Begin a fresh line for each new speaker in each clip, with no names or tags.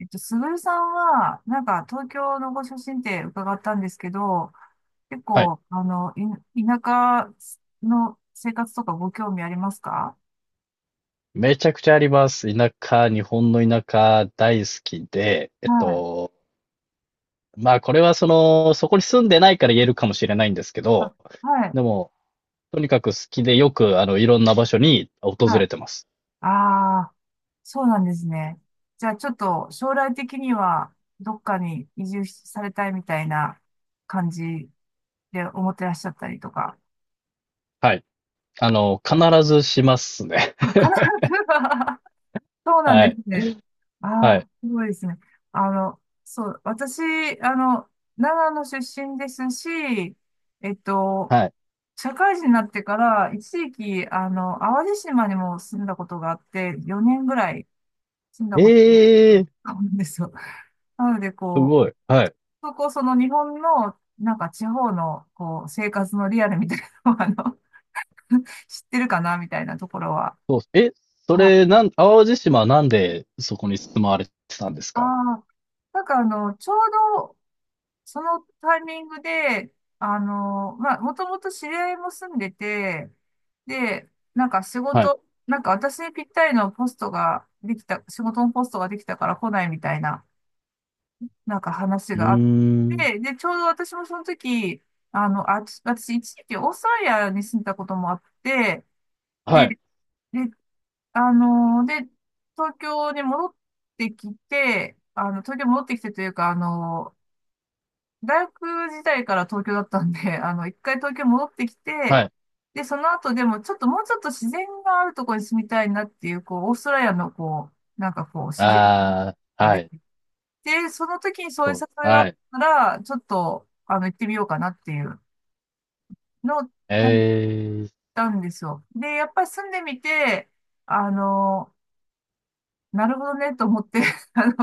すぐるさんは、東京のご出身って伺ったんですけど、結
はい。
構、田舎の生活とかご興味ありますか。
めちゃくちゃあります。田舎、日本の田舎大好きで、
はい。
まあこれはその、そこに住んでないから言えるかもしれないんですけ
あ、
ど、
はい。
でも、とにかく好きでよく、いろんな場所に訪
はい。
れてます。
ああ、そうなんですね。じゃあ、ちょっと、将来的には、どっかに移住しされたいみたいな感じで思ってらっしゃったりとか。
はい。必ずしますね。
あ、必ず はそうなん
は
で
い。
すね。あ
はい。
あ、すごいですね。そう、私、あの、長野出身ですし、えっと、
はい。
社会人になってから、一時期、淡路島にも住んだことがあって、4年ぐらい住んだことが
ええー、
あるんですよ。なので、
すごい。はい。
そこ、その日本の、地方の、こう、生活のリアルみたいなのを、知ってるかな、みたいなところは。
そうっす。え、そ
は
れ、
い。
なん、淡路島はなんでそこに住まわれてたんです
あ
か？
あ、ちょうどそのタイミングで、まあ、もともと知り合いも住んでて、で、なんか仕
はい。
事、なんか私にぴったりのポストができた、仕事のポストができたから来ないみたいな、なんか話
うー
があっ
ん。
て、で、ちょうど私もその時、私一時期オーストラリアに住んでたこともあって、
は
で、
い。
で、あの、で、東京に戻っ東京に戻ってきてというか、大学時代から東京だったんで、一回東京戻ってきて、
はい。
で、その後でもちょっともうちょっと自然があるところに住みたいなっていう、こう、オーストラリアのこう、なんかこう、自然
ああ、は
で、
い、
で、その時にそうい
そ
う
う、
誘いがあ
は
っ
い。
たら、ちょっと、行ってみようかなっていうのを考え
ええ
たんですよ。で、やっぱり住んでみて、あの、なるほどねと思って、 あの、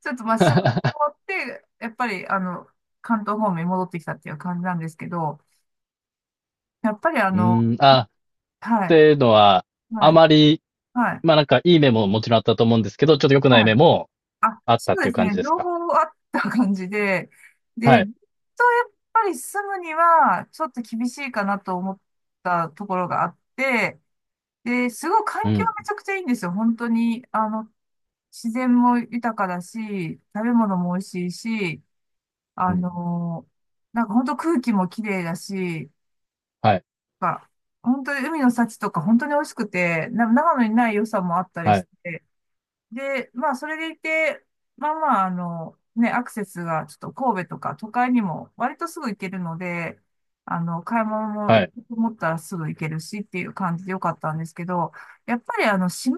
ちょっとまあ仕事終わ って、やっぱり、関東方面に戻ってきたっていう感じなんですけど、やっぱりあ
う
の、
ーん、っ
は
て
い、
いうのは、
は
あ
い、
まり、
はい、
まあなんかいい面ももちろんあったと思うんですけど、ちょっと良くない
はい。
面も
あ、
あっ
そ
たっ
う
て
で
いう
す
感じ
ね。
です
両
か？
方あった感じで、
は
で、
い。
ずっとやっぱり住むには、ちょっと厳しいかなと思ったところがあって、で、すごい
う
環境は
ん、
めちゃくちゃいいんですよ。本当に、自然も豊かだし、食べ物も美味しいし、
う
あ
ん。
の、なんか本当空気も綺麗だし、
はい、
なんか本当に海の幸とか本当に美味しくて、な長野にない良さもあったり
は
し
い、
て、で、まあ、それでいて、まあまあ、ね、アクセスがちょっと神戸とか都会にも割とすぐ行けるので、買い物も
は
行こ
い。
うと思ったらすぐ行けるしっていう感じでよかったんですけど、やっぱりあの、島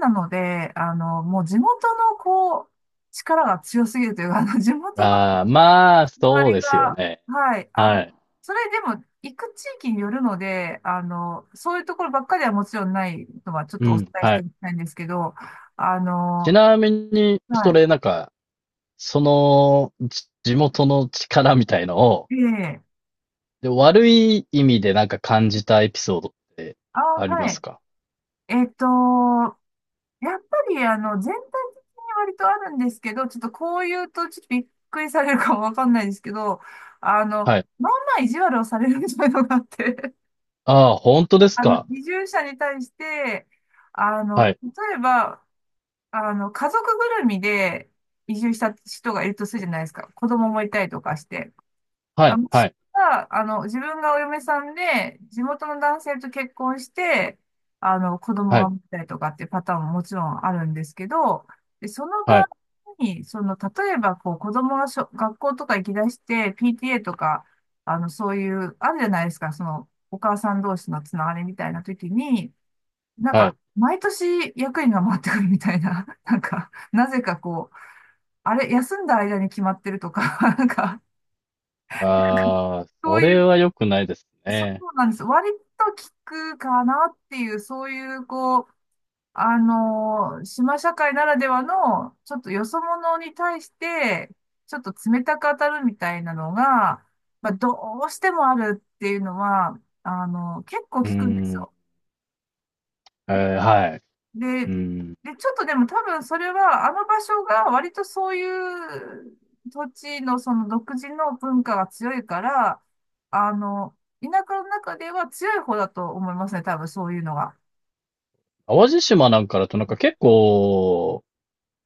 なので、もう地元のこう、力が強すぎるというか、地元の
ああ、まあ、
周
そう
り
ですよ
が、
ね。
はい、
はい。
それでも行く地域によるので、そういうところばっかりはもちろんないのはちょっ
う
とお伝
ん、
えし
は
てお
い。
きたいんですけど、あ
ち
の、
なみに、そ
は
れなんか、その、地元の力みたいのを、
い。ええ。
で、悪い意味でなんか感じたエピソードって
あ、
ありま
は
す
い。
か？
えっと、やっぱり、全体的に割とあるんですけど、ちょっとこう言うと、ちょっとびっくりされるかもわかんないですけど、あの、
はい。
まあ意地悪をされるみたいなのがあって、
ああ、本当で すか？
移住者に対して、
はい。
例えば、家族ぐるみで移住した人がいるとするじゃないですか。子供もいたりとかして。
は
あ、
い。
息
は
子
い。
が、あの、自分がお嫁さんで、地元の男性と結婚して、子供
は
が
い。
持ったりとかっていうパターンももちろんあるんですけど、で、その
は
場
い。
合に、その、例えば、こう、子供がしょ、学校とか行き出して、PTA とか、そういう、あるじゃないですか、その、お母さん同士のつながりみたいな時に、なん
は
か、
い。
毎年役員が回ってくるみたいな、なんか、なぜかこう、あれ、休んだ間に決まってるとか、なんか、
ああ、
そ
そ
うい
れ
う
は良くないです
そう
ね。
なんです。割と効くかなっていう、そういう、こう、島社会ならではの、ちょっとよそ者に対して、ちょっと冷たく当たるみたいなのが、まあ、どうしてもあるっていうのは、結構
う
効
ー
くんです
ん。
よ。
はい。
で、
う
で、
ん。
ちょっとでも多分それは、あの場所が割とそういう土地のその独自の文化が強いから、あの、田舎の中では強い方だと思いますね、多分そういうのが。
淡路島なんかだとなんか結構、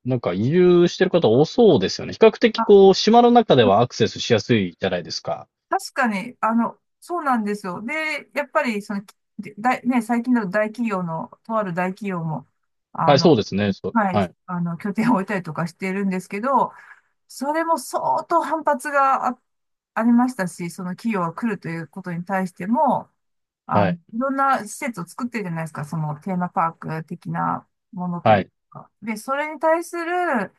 なんか移住してる方多そうですよね。比較的
あ、
こう、島の中ではアクセスしやすいじゃないですか。
確かに、そうなんですよ。で、やっぱり、その、ね、最近だと大企業の、とある大企業も、あ
はい、
の、
そうですね。そう。
はい、
はい。
拠点を置いたりとかしてるんですけど、それも相当反発があ、ありましたし、その企業が来るということに対しても、
は
い
い。
ろんな施設を作ってるじゃないですか、そのテーマパーク的なものと
は
いう
い。
か。で、それに対する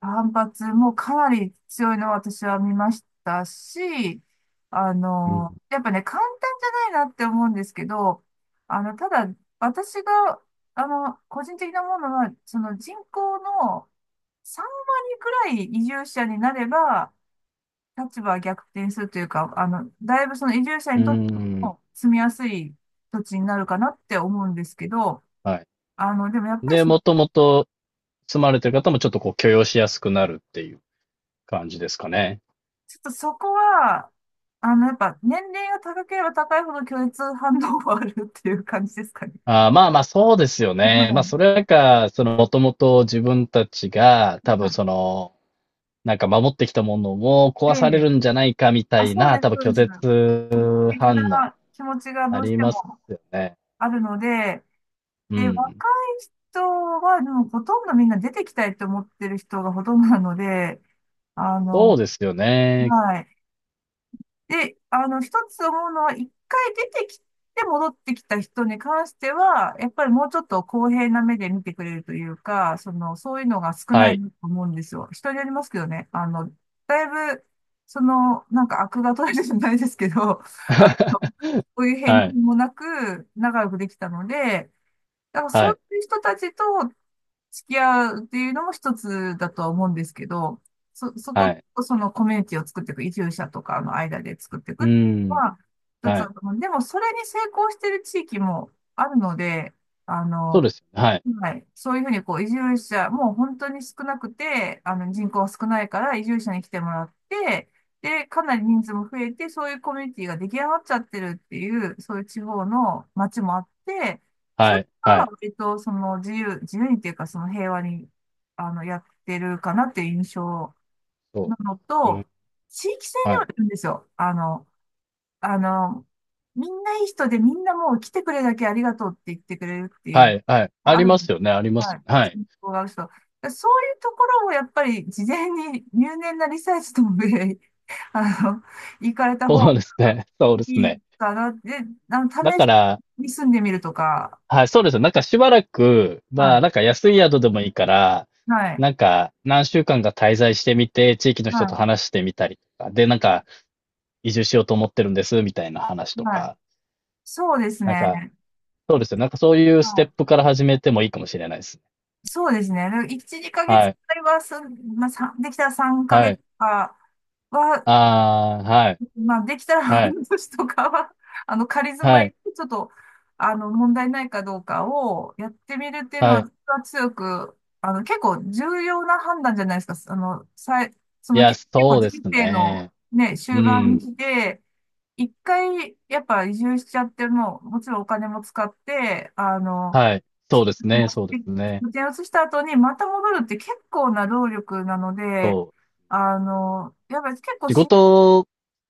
反発もかなり強いのを私は見ましたし、
うん。
やっぱね、簡単じゃないなって思うんですけど、ただ、私が、個人的なものは、その人口の3割くらい移住者になれば、立場は逆転するというか、だいぶその移住者
うー
にとって
ん。
も住みやすい土地になるかなって思うんですけど、
はい。
でもやっぱり
で、
そ、ち
もともと住まれてる方もちょっとこう許容しやすくなるっていう感じですかね。
ょっとそこは、やっぱ年齢が高ければ高いほど拒絶反応があるっていう感じですかね。
ああ、まあまあ、そうですよね。まあ、
も
それか、その、もともと自分たちが、
う、
多分
は
その、なんか守ってきたものも壊
い
され
で、
るんじゃないかみた
あ、
い
そう
な、
で
多
す、
分
そう
拒
です。
絶
的
反応
な気持ちがど
あ
うし
り
て
ます
も
よね。
あるので、
う
で、若
ん。
い人は、でもほとんどみんな出てきたいと思ってる人がほとんどなので、あ
そう
の、
ですよね。
はい。で、一つ思うのは、一回出てきて戻ってきた人に関しては、やっぱりもうちょっと公平な目で見てくれるというか、その、そういうのが少
は
ない
い。
と思うんですよ。人によりますけどね。だいぶ、その、なんか悪が取れるじゃないですけど、あの、そういう偏
はい。
見もなく、仲良くできたので、だからそ
は
う
い。
いう人たちと付き合うっていうのも一つだとは思うんですけど、そこ
はい。
と、そのコミュニティを作っていく、移住者とかの間で作っていく
う
の
ん。
は一つ
は
だ
い。
と思う。でも、それに成功している地域もあるので、あ
そう
の、
ですよね。はい。
はい、そういうふうにこう移住者、もう本当に少なくて、あの人口が少ないから移住者に来てもらって、で、かなり人数も増えて、そういうコミュニティが出来上がっちゃってるっていう、そういう地方の街もあって、そ
は
れと
い。
ころ
は
は
い。
割と自由にっていうかその平和にやってるかなっていう印象
そ
なの
う。う
と、
ん。
地域性で
は
はあ
い。
るんですよ。あの、みんないい人でみんなもう来てくれだけありがとうって言ってくれるってい
は
う、
い。はい。
もう
あ
あ
り
るん
ます
です。
よね。ありま
は
すよ
い。
ね。はい。
信仰がある人。そういうところをやっぱり事前に入念なリサーチともで、あの、行かれた方
そうです
が
ね。そうです
いい
ね。
かな。で、
だ
試
か
し
ら
に住んでみるとか、
はい、そうですよ。なんかしばらく、ま
は
あ、
い。
なんか安い宿でもいいから、
はい。
なんか何週間か滞在してみて、地域の人と
は
話してみたりとか、で、なんか移住しようと思ってるんです、みたいな話
い。
と
はい。
か、
そうです
なんか、
ね。
そうですよ。なんかそういう
は
ステッ
い。
プから始めてもいいかもしれないですね。
そうですね。で1、2ヶ月
はい、
くらいは、そんまあ、さんできたら3
は
ヶ月
い。
とかは、
ああ、はい、
まあ、できたら
はい、
半年とかは、仮住ま
はい、
い、ちょっと、問題ないかどうかをやってみるっていうの
は
は、
い。
強く、結構重要な判断じゃないですか。
いや、
結構
そうです
人生の
ね。
ね、
う
終盤
ん。
で来一回、やっぱ移住しちゃっても、もちろんお金も使って、
はい。そうです
も
ね、そうですね。
う移した後にまた戻るって結構な労力なので、
そう。
やっぱり結構
仕
し、
事、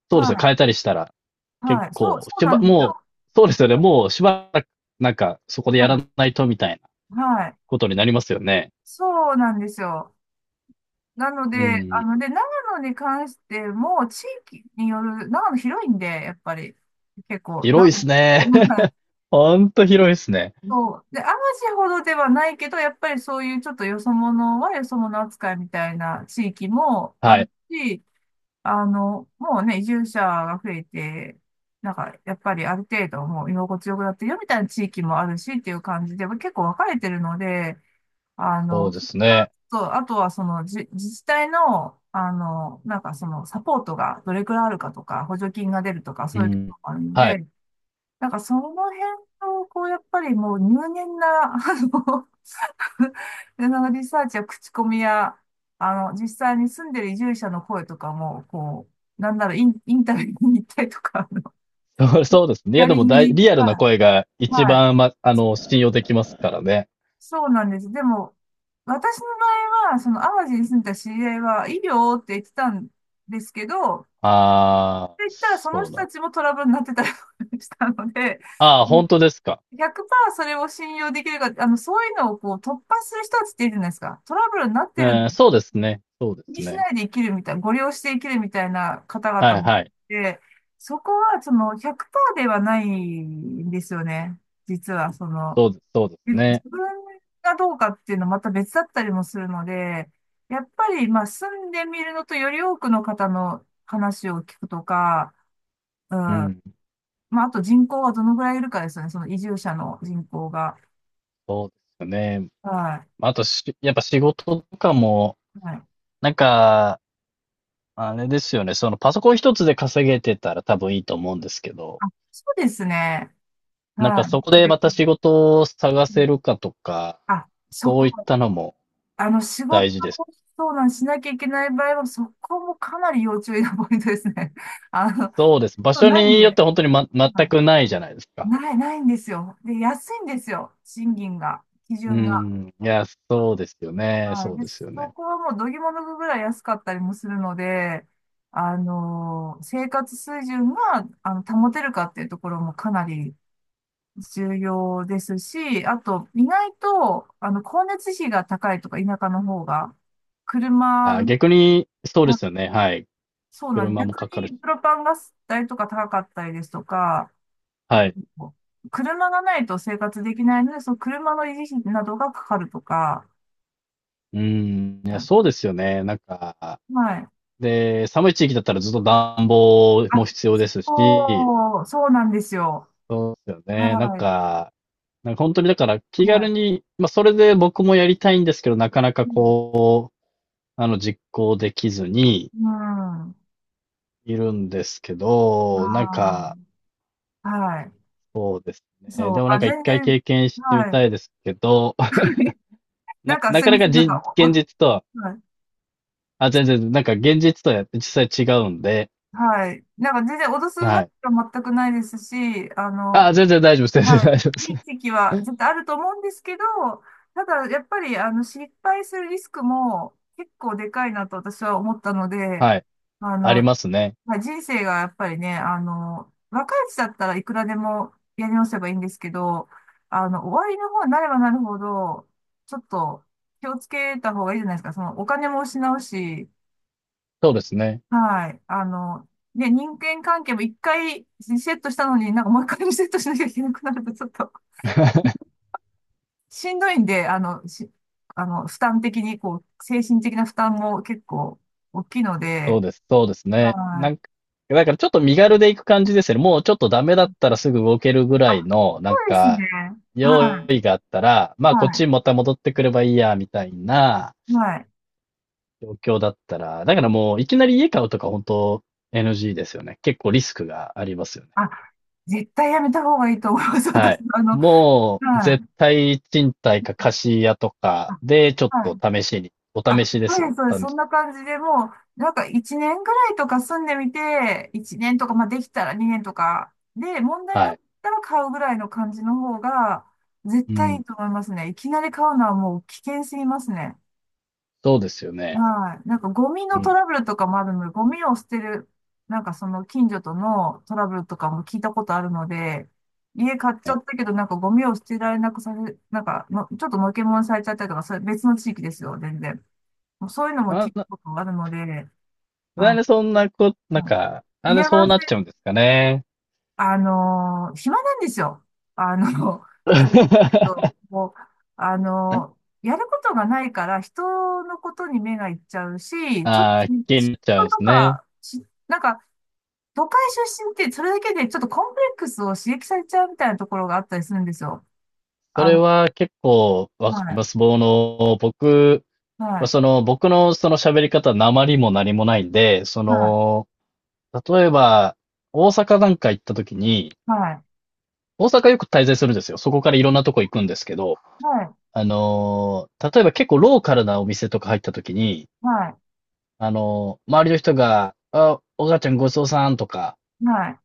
そうですね、変
は
えたりしたら、
い、
結
はい、そう、
構、
そうなんです
もう、
よ。
そうですよね。
はい、
もうしばらく、なんか、そこでやら
は
ないとみたいな
い、はい
ことになりますよね。
そうなんですよ。なの
う
で、
ん。
長野に関しても、地域による、長野広いんで、やっぱり、結構、
広い
長
で
野、
すね。
は い
ほんと広いですね。
そう。で、淡路ほどではないけど、やっぱりそういうちょっとよそ者はよそ者扱いみたいな地域もあ
は
る
い。
し、もうね、移住者が増えて、なんか、やっぱりある程度もう居心地よくなってるよみたいな地域もあるしっていう感じで、結構分かれてるので、
そうで
そ
す
こは
ね。
ちょっと、あとはその自治体の、なんかそのサポートがどれくらいあるかとか、補助金が出るとか、
う
そういうとこ
ん。
ろもあるの
はい。
で、なんかその辺を、こう、やっぱりもう入念な、あの、で、そのリサーチや口コミや、実際に住んでる移住者の声とかも、こう、なんならインタビューに行ったりとか、あの
そうそうですね。い
ヒア
や、で
リ
も
ングに、
リアルな
はい、
声が一
はい、
番、ま、あの、信用できますからね。
そうなんです。でも、私の場合は、その淡路に住んでた知り合いは、医療って言ってたんですけど、っ
ああ、
て言ったらその
そう
人
な
た
ん
ちもトラブルになってたりしたので、
ああ、本当ですか？
100%それを信用できるか、そういうのをこう突破する人たちっているじゃないですか。トラブルになってる
うん、そうですね。そうで
気に
す
し
ね。
ないで生きるみたいな、ご利用して生きるみたいな方
は
々
い
も
は
い
い。
て、そこはその100%ではないんですよね。実は、その、
そうです、そうで
で
す
自
ね。
分がどうかっていうのはまた別だったりもするので、やっぱり、まあ、住んでみるのとより多くの方の話を聞くとか、うん。
うん、
まあ、あと人口はどのぐらいいるかですよね。その移住者の人口が。
そうですね。
は
まあ、あとし、やっぱ仕事とかも、
い。はい。
なんか、あれですよね。そのパソコン一つで稼げてたら多分いいと思うんですけど、
あ、そうですね。
なんか
は
そこ
い。
で
で
また仕事を探
うん
せるかとか、
あ、そ
そう
こ
いったのも
仕事
大事です。
を相談しなきゃいけない場合は、そこもかなり要注意なポイントですね。あの、
そうです。場
そう
所
ないん
によっ
で、
て本当に
は
全
い、
くないじゃないですか。
ない、ないんですよ。で、安いんですよ。賃金が、基
う
準が。
ん。いや、そうですよね。
はい。
そう
で、
ですよ
そ
ね。
こはもうどぎも抜くぐらい安かったりもするので、生活水準が、保てるかっていうところもかなり重要ですし、あと、意外と、光熱費が高いとか、田舎の方が、車、
あ、逆に、そうですよね。はい。
そうなんで
車も
逆
かかるし。
にプロパンガス代とか高かったりですとか、あ
はい。
と、車がないと生活できないので、その車の維持費などがかかるとか、
うん。いや、
う
そう
ん
ですよね。なんか、
はい。
で、寒い地域だったらずっと暖房も
あ、
必要ですし、
そう、そうなんですよ。
そうですよね。なん
はい。
か、なんか本当にだから気
は
軽
い。
に、まあそれで僕もやりたいんですけど、なかなか
うん。
こう、実行できずに
うん
いるんですけ
あ
ど、なんか、
ーは
そうです
い。
ね。
そう。
でもなん
あ、
か一
全
回
然、
経験してみ
は
た
い。
いですけど、
な
な、
んか
な
すい
か
ま
な
せ
か
ん。な
じ、
んか、お、お
現実とは、
はい。
全然、なんか現実とは実際違うんで、
はい。なんか全然脅すわ
は
け
い。
は全くないですし、
あ、全然大丈夫です。全
はい。
然大丈夫です。
時期は 絶対あると思うんですけど、ただやっぱりあの失敗するリスクも結構でかいなと私は思ったので、
はい。
あ
あり
の、
ますね。
まあ、人生がやっぱりね、若いうちだったらいくらでもやり直せばいいんですけど、終わりの方になればなるほど、ちょっと気をつけた方がいいじゃないですか。そのお金も失うし、
そうですね。
はい。ね、人間関係も一回リセットしたのになんかもう一回リセットしなきゃいけなくなるとちょっと しんどいんで、あの、し、あの、負担的に、こう、精神的な負担も結構大きいの
そう
で、
です、そうですね。
は
な
い。
んか、だからちょっと身軽で行く感じですよね。もうちょっとダメだったらすぐ動けるぐ
あ、
ら
そ
いの、なん
うです
か、
ね。は
用
い。
意があったら、まあこっち
は
にまた戻ってくればいいや、みたいな
い。はい。
状況だったら、だからもういきなり家買うとか本当 NG ですよね。結構リスクがありますよね。
あ、絶対やめた方がいいと思います。
は
私、
い。もう
は
絶
い。
対賃貸か貸し家とか
あ
でちょっ
は
と
い
試しに、お試
あ、
しで
そう
すよ
で
ね。
す、そうで
お
す。
試
そん
し。
な感じでもう、なんか1年ぐらいとか住んでみて、1年とか、まあできたら2年とか、で、問題
は
なか
い。
ったら買うぐらいの感じの方が、絶
う
対い
ん。
いと思いますね。いきなり買うのはもう危険すぎますね。
そうですよね。
はい。なんかゴミ
う
のト
ん。
ラブルとかもあるので、ゴミを捨てる、なんかその近所とのトラブルとかも聞いたことあるので、家買っちゃったけど、なんかゴミを捨てられなくさせ、なんかの、ちょっとのけもんされちゃったりとか、それ別の地域ですよ、全然。もうそういうのも
あ、
聞くことがあるので、
なん
あ、
でそんなこ、な
う
ん
ん
か、なんで
嫌が
そう
らせ、
なっちゃうんですかね。
暇なんですよ。あの、もう、あのーやることがないから人のことに目がいっちゃうし、ちょっと、
ああ、
嫉妬
気になっちゃうんで
と
すね。
か、し、なんか、都会出身ってそれだけでちょっとコンプレックスを刺激されちゃうみたいなところがあったりするんですよ。
そ
あ
れ
の、
は結構
は
わかり
い、
ます。僕、
はい、
その、僕のその喋り方、訛りも何もないんで、そ
はい、
の、例えば、大阪なんか行った時に、
はい、
大阪よく滞在するんですよ。そこからいろんなとこ行くんですけど、
はい、
例えば結構ローカルなお店とか入った時に、
はい、
周りの人が、あ、お母ちゃんごちそうさんとか、
はい。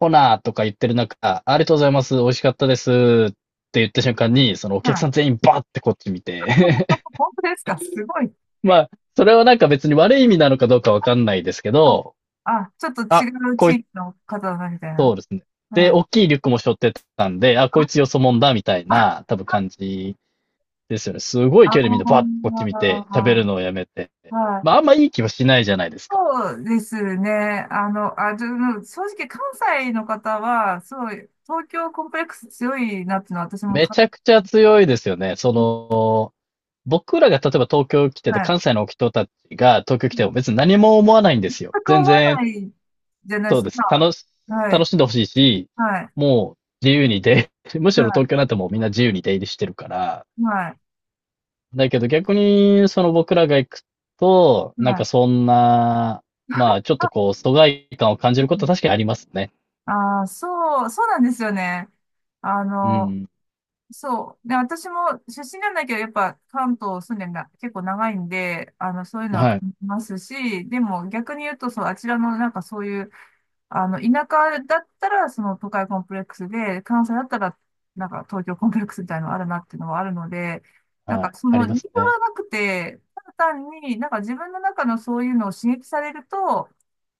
ほなーとか言ってる中、ありがとうございます、美味しかったですって言った瞬間に、そのお
は
客さ
い
ん全員バーってこっち見て
本当ですかすごい。
まあ、それはなんか別に悪い意味なのかどうかわかんないですけ
あ、
ど、
あ、ちょっと違
あ、
う
こ
地
いつ、
域の方だみたい
そ
な。
うですね。
うん。
で、
あ、
大きいリュックも背負ってたんで、あ、こいつよそもんだ、みたい
あ、
な、多分感じですよね。すごい
あ
距離みんなバッとこっち見て、喋る
ー
のをやめて。
は
まあ、あん
い。
まいい気はしないじゃないですか。
そうですね。あの、あ、ちょ、正直関西の方は、すごい、東京コンプレックス強いなっていうのは私も
め
か、
ちゃくちゃ強いですよね。その、僕らが例えば東京来てて、
はい。
関西の人たちが東京来
う
ても
ん
別に何も思わないんで
全
すよ。
く
全
思わ
然、
ないじゃないで
そう
す
で
か。
す。
まあは
楽
い。
しんでほしいし、
はい。
もう自由に出、むしろ東京
は
なんてもうみんな自由に出入りしてるから。
い。はい。
だけど逆に、その僕らが行くと、なん
は
か
い。
そんな、まあちょっと
あ、
こう、疎外感を感じることは確かにありますね。
あーそう、そうなんですよね。あ
う
の、
ん。
そう。で、私も出身なんだけど、やっぱ関東住んでんだ、結構長いんで、そういうのは
は
感
い。
じますし、でも逆に言うと、そう、あちらのなんかそういう、田舎だったら、その都会コンプレックスで、関西だったら、なんか東京コンプレックスみたいなのがあるなっていうのはあるので、なん
は
か
い。
そ
あ
の
り
理
ま
由
すね。
はなくて、ただ単になんか自分の中のそういうのを刺激されると、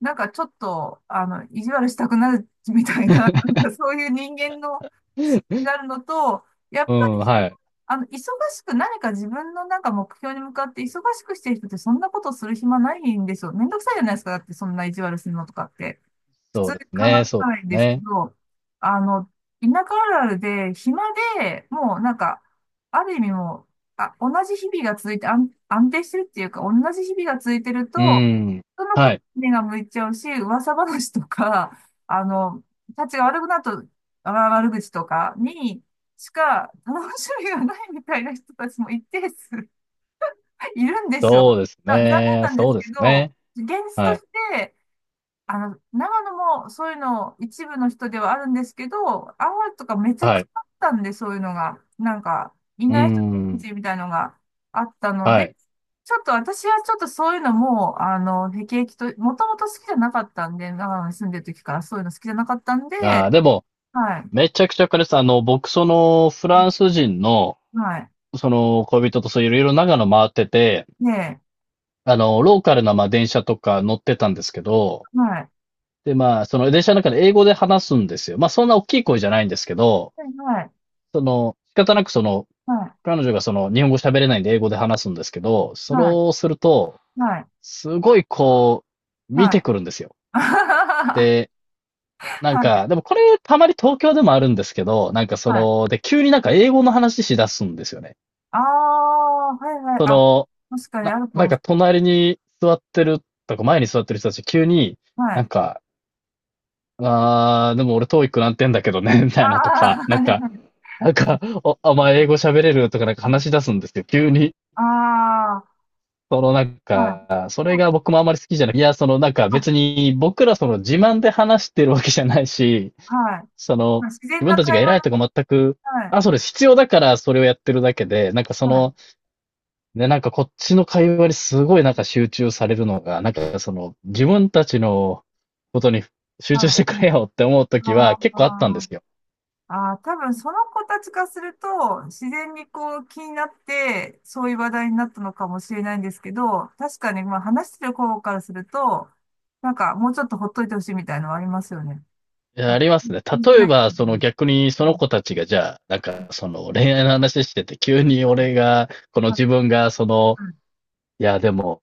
なんかちょっと、意地悪したくなるみたいな、なんか そういう人間の資質があるのと、やっ
う
ぱり、
ん、はい。
忙しく何か自分のなんか目標に向かって忙しくしてる人ってそんなことする暇ないんですよ。めんどくさいじゃないですか。だってそんな意地悪するのとかって。普通
そう
に
です
考
ね。そう
え
で
ないん
す
ですけ
ね。
ど、あの、田舎あるあるで、暇で、もうなんか、ある意味もう、同じ日々が続いて、安定してるっていうか、同じ日々が続いてる
う
と、
ん。
人のこ
は
と
い。
に目が向いちゃうし、噂話とか、あの、たちが悪くなると、あ悪口とかにしか楽しみがないみたいな人たちも一定数いるんですよ。
そうです
だ残念
ね。
なんで
そう
す
で
け
す
ど、
ね。
現実と
は
し
い。
て、長野もそういうの一部の人ではあるんですけど、青森とかめちゃ
は
くち
い。
ゃあったんで、そういうのが。なんか、い
うー
ない人た
ん。
ちみたいのがあったの
は
で、
い。
ちょっと私はちょっとそういうのもう、辟易と、もともと好きじゃなかったんで、長野に住んでる時からそういうの好きじゃなかったんで。
でも、
はい。
めちゃくちゃ彼かす。僕、その、フランス人の、
はい。
その、恋人と、そう、いろいろ長野回ってて、
ねえ。
ローカルな、まあ、電車とか乗ってたんですけど、
はい。
で、まあ、その電車の中で英語で話すんですよ。まあ、そんな大きい声じゃないんですけど、
はい。
その、仕方なくその、
は
彼女がその、日本語喋れないんで英語で話すんですけど、
い。
それ
はい。
をすると、
はい。
すごいこう、見
はい。は
て
い。
くるんですよ。でなん
は
か、
い。
でもこれたまに東京でもあるんですけど、なんかそ
はい。
の、で、急になんか英語の話しだすんですよね。
ああ、はいはい。
そ
あ、
の、
確かにあるか
なん
もし
か
れない。
隣に座ってるとか前に座ってる人たち急に、
は
な
い。
んか、あー、でも俺トーイ i なんてんだけどね、みた
あ
いなと
あ、
か、
は
なん
い
か、
はい。
なんか、お前英語喋れるとかなんか話し出すんですよ、急に。
ああ、
そのなん
はい。
か、それが僕もあまり好きじゃない。いや、そのなんか
あ、
別に僕らその自慢で話してるわけじゃないし、
はい。
そ
ま
の、
あ、自
自
然
分
な
たちが
会
偉
話
い
の。
とか全く、
はい。
あ、それ必要だからそれをやってるだけで、なんかそ
はい。
の、ね、なんかこっちの会話にすごいなんか集中されるのが、なんかその、自分たちのことに
は
集中して
い。
くれよって思うときは
あ
結構あったんで
あ。
すよ。
ああ、多分その子たちからすると、自然にこう気になって、そういう話題になったのかもしれないんですけど、確かに、まあ話してる子からすると、なんかもうちょっとほっといてほしいみたいなのはありますよね。
いや
なん
あ
か
りますね。
気にし
例え
ない。
ば、
う
その
ん
逆に
う
その
ん
子たちがじゃあ、なんかその恋愛の話してて、急に
はい
俺が、この
はい
自分がその、
はい
いやでも、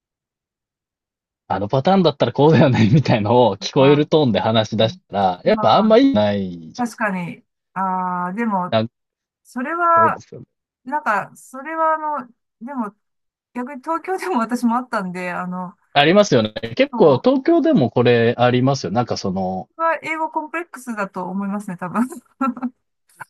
あのパターンだったらこうだよね、みたいのを聞こえ
あー
るトーンで話し出したら、
う
やっぱあんまい
ん
いないじゃ
確かに。ああ、でも、
ん
それ
そう
は、
ですよね。
なんか、それはの、でも、逆に東京でも私もあったんで、
ありますよね。結
そ
構
う、
東京でもこれありますよ。なんかその、
は英語コンプレックスだと思いますね、多分。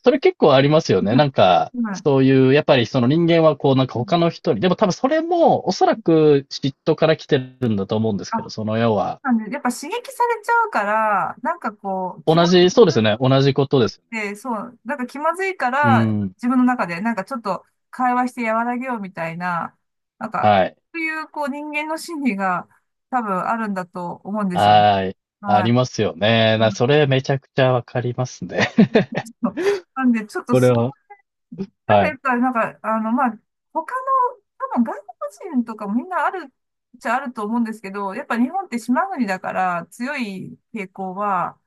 それ結構ありますよね。なんか、
はい
そういう、やっぱりその人間はこうなんか
うん。
他の人に、でも多分それもおそらく嫉妬から来てるんだと思うんです
あ、
け
そ
ど、
う
その要は、
なんで、やっぱ刺激されちゃうから、なんかこう、気
同
ま、
じ、
自
そうです
分っ
よね。同じことですよね。
てそう、なんか気まずいか
う
ら、
ん。
自分の中で、なんかちょっと会話して和らげようみたいな、なんか、
はい。
そういう、こう、人間の心理が多分あるんだと思うんですよね。
はい。あ
はい。
りますよね。それめちゃくちゃわかりますね。
そうなんで、ちょっと
これ
その、
は。は
や
い。
っぱ、他の、多分外国人とかもみんなあるっちゃあると思うんですけど、やっぱ日本って島国だから強い傾向は、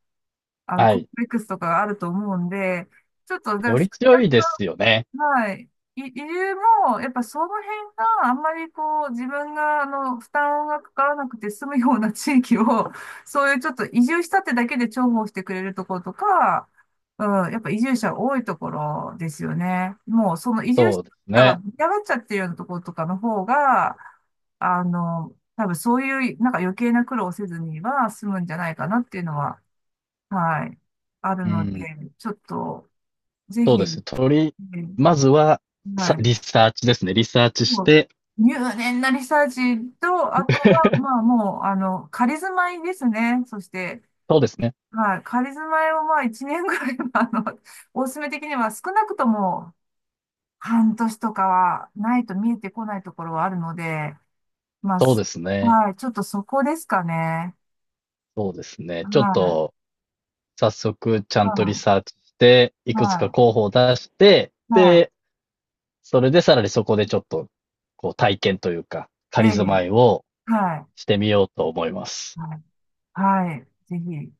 は
コン
い。
プレックスとかがあると思うんで、ちょっと、だから
より強いですよね。
はい。い、理由も、やっぱその辺があんまりこう自分が負担がかからなくて済むような地域を、そういうちょっと移住したってだけで重宝してくれるところとか、うん、やっぱ移住者多いところですよね。もうその移住者
そうですね。
が出がっちゃってるようなところとかの方が、多分そういうなんか余計な苦労をせずには済むんじゃないかなっていうのは、はい、ある
う
ので、
ん。
ちょっとぜ
そうです
ひ。
ね。
え
まずは、
はい。
リサーチですね。リサーチし
もう
て
入念なリサーチと、あとは、まあ もう、あの、仮住まいですね。そして、
そうですね。
はい、仮住まいをまあ1年ぐらいは、おすすめ的には少なくとも半年とかはないと見えてこないところはあるので、まあ、
そう
す
ですね。
はい、ちょっとそこですかね。
そうですね。
は
ちょっ
い、
と、早速、ちゃ
は
んとリ
い、
サーチして、いくつか
は
候補を出して、
い、は
で、それでさらにそこでちょっと、こう、体験というか、
い、え
仮住まい
え、
を
はい、
してみようと思います。
はい、はい、ぜひ。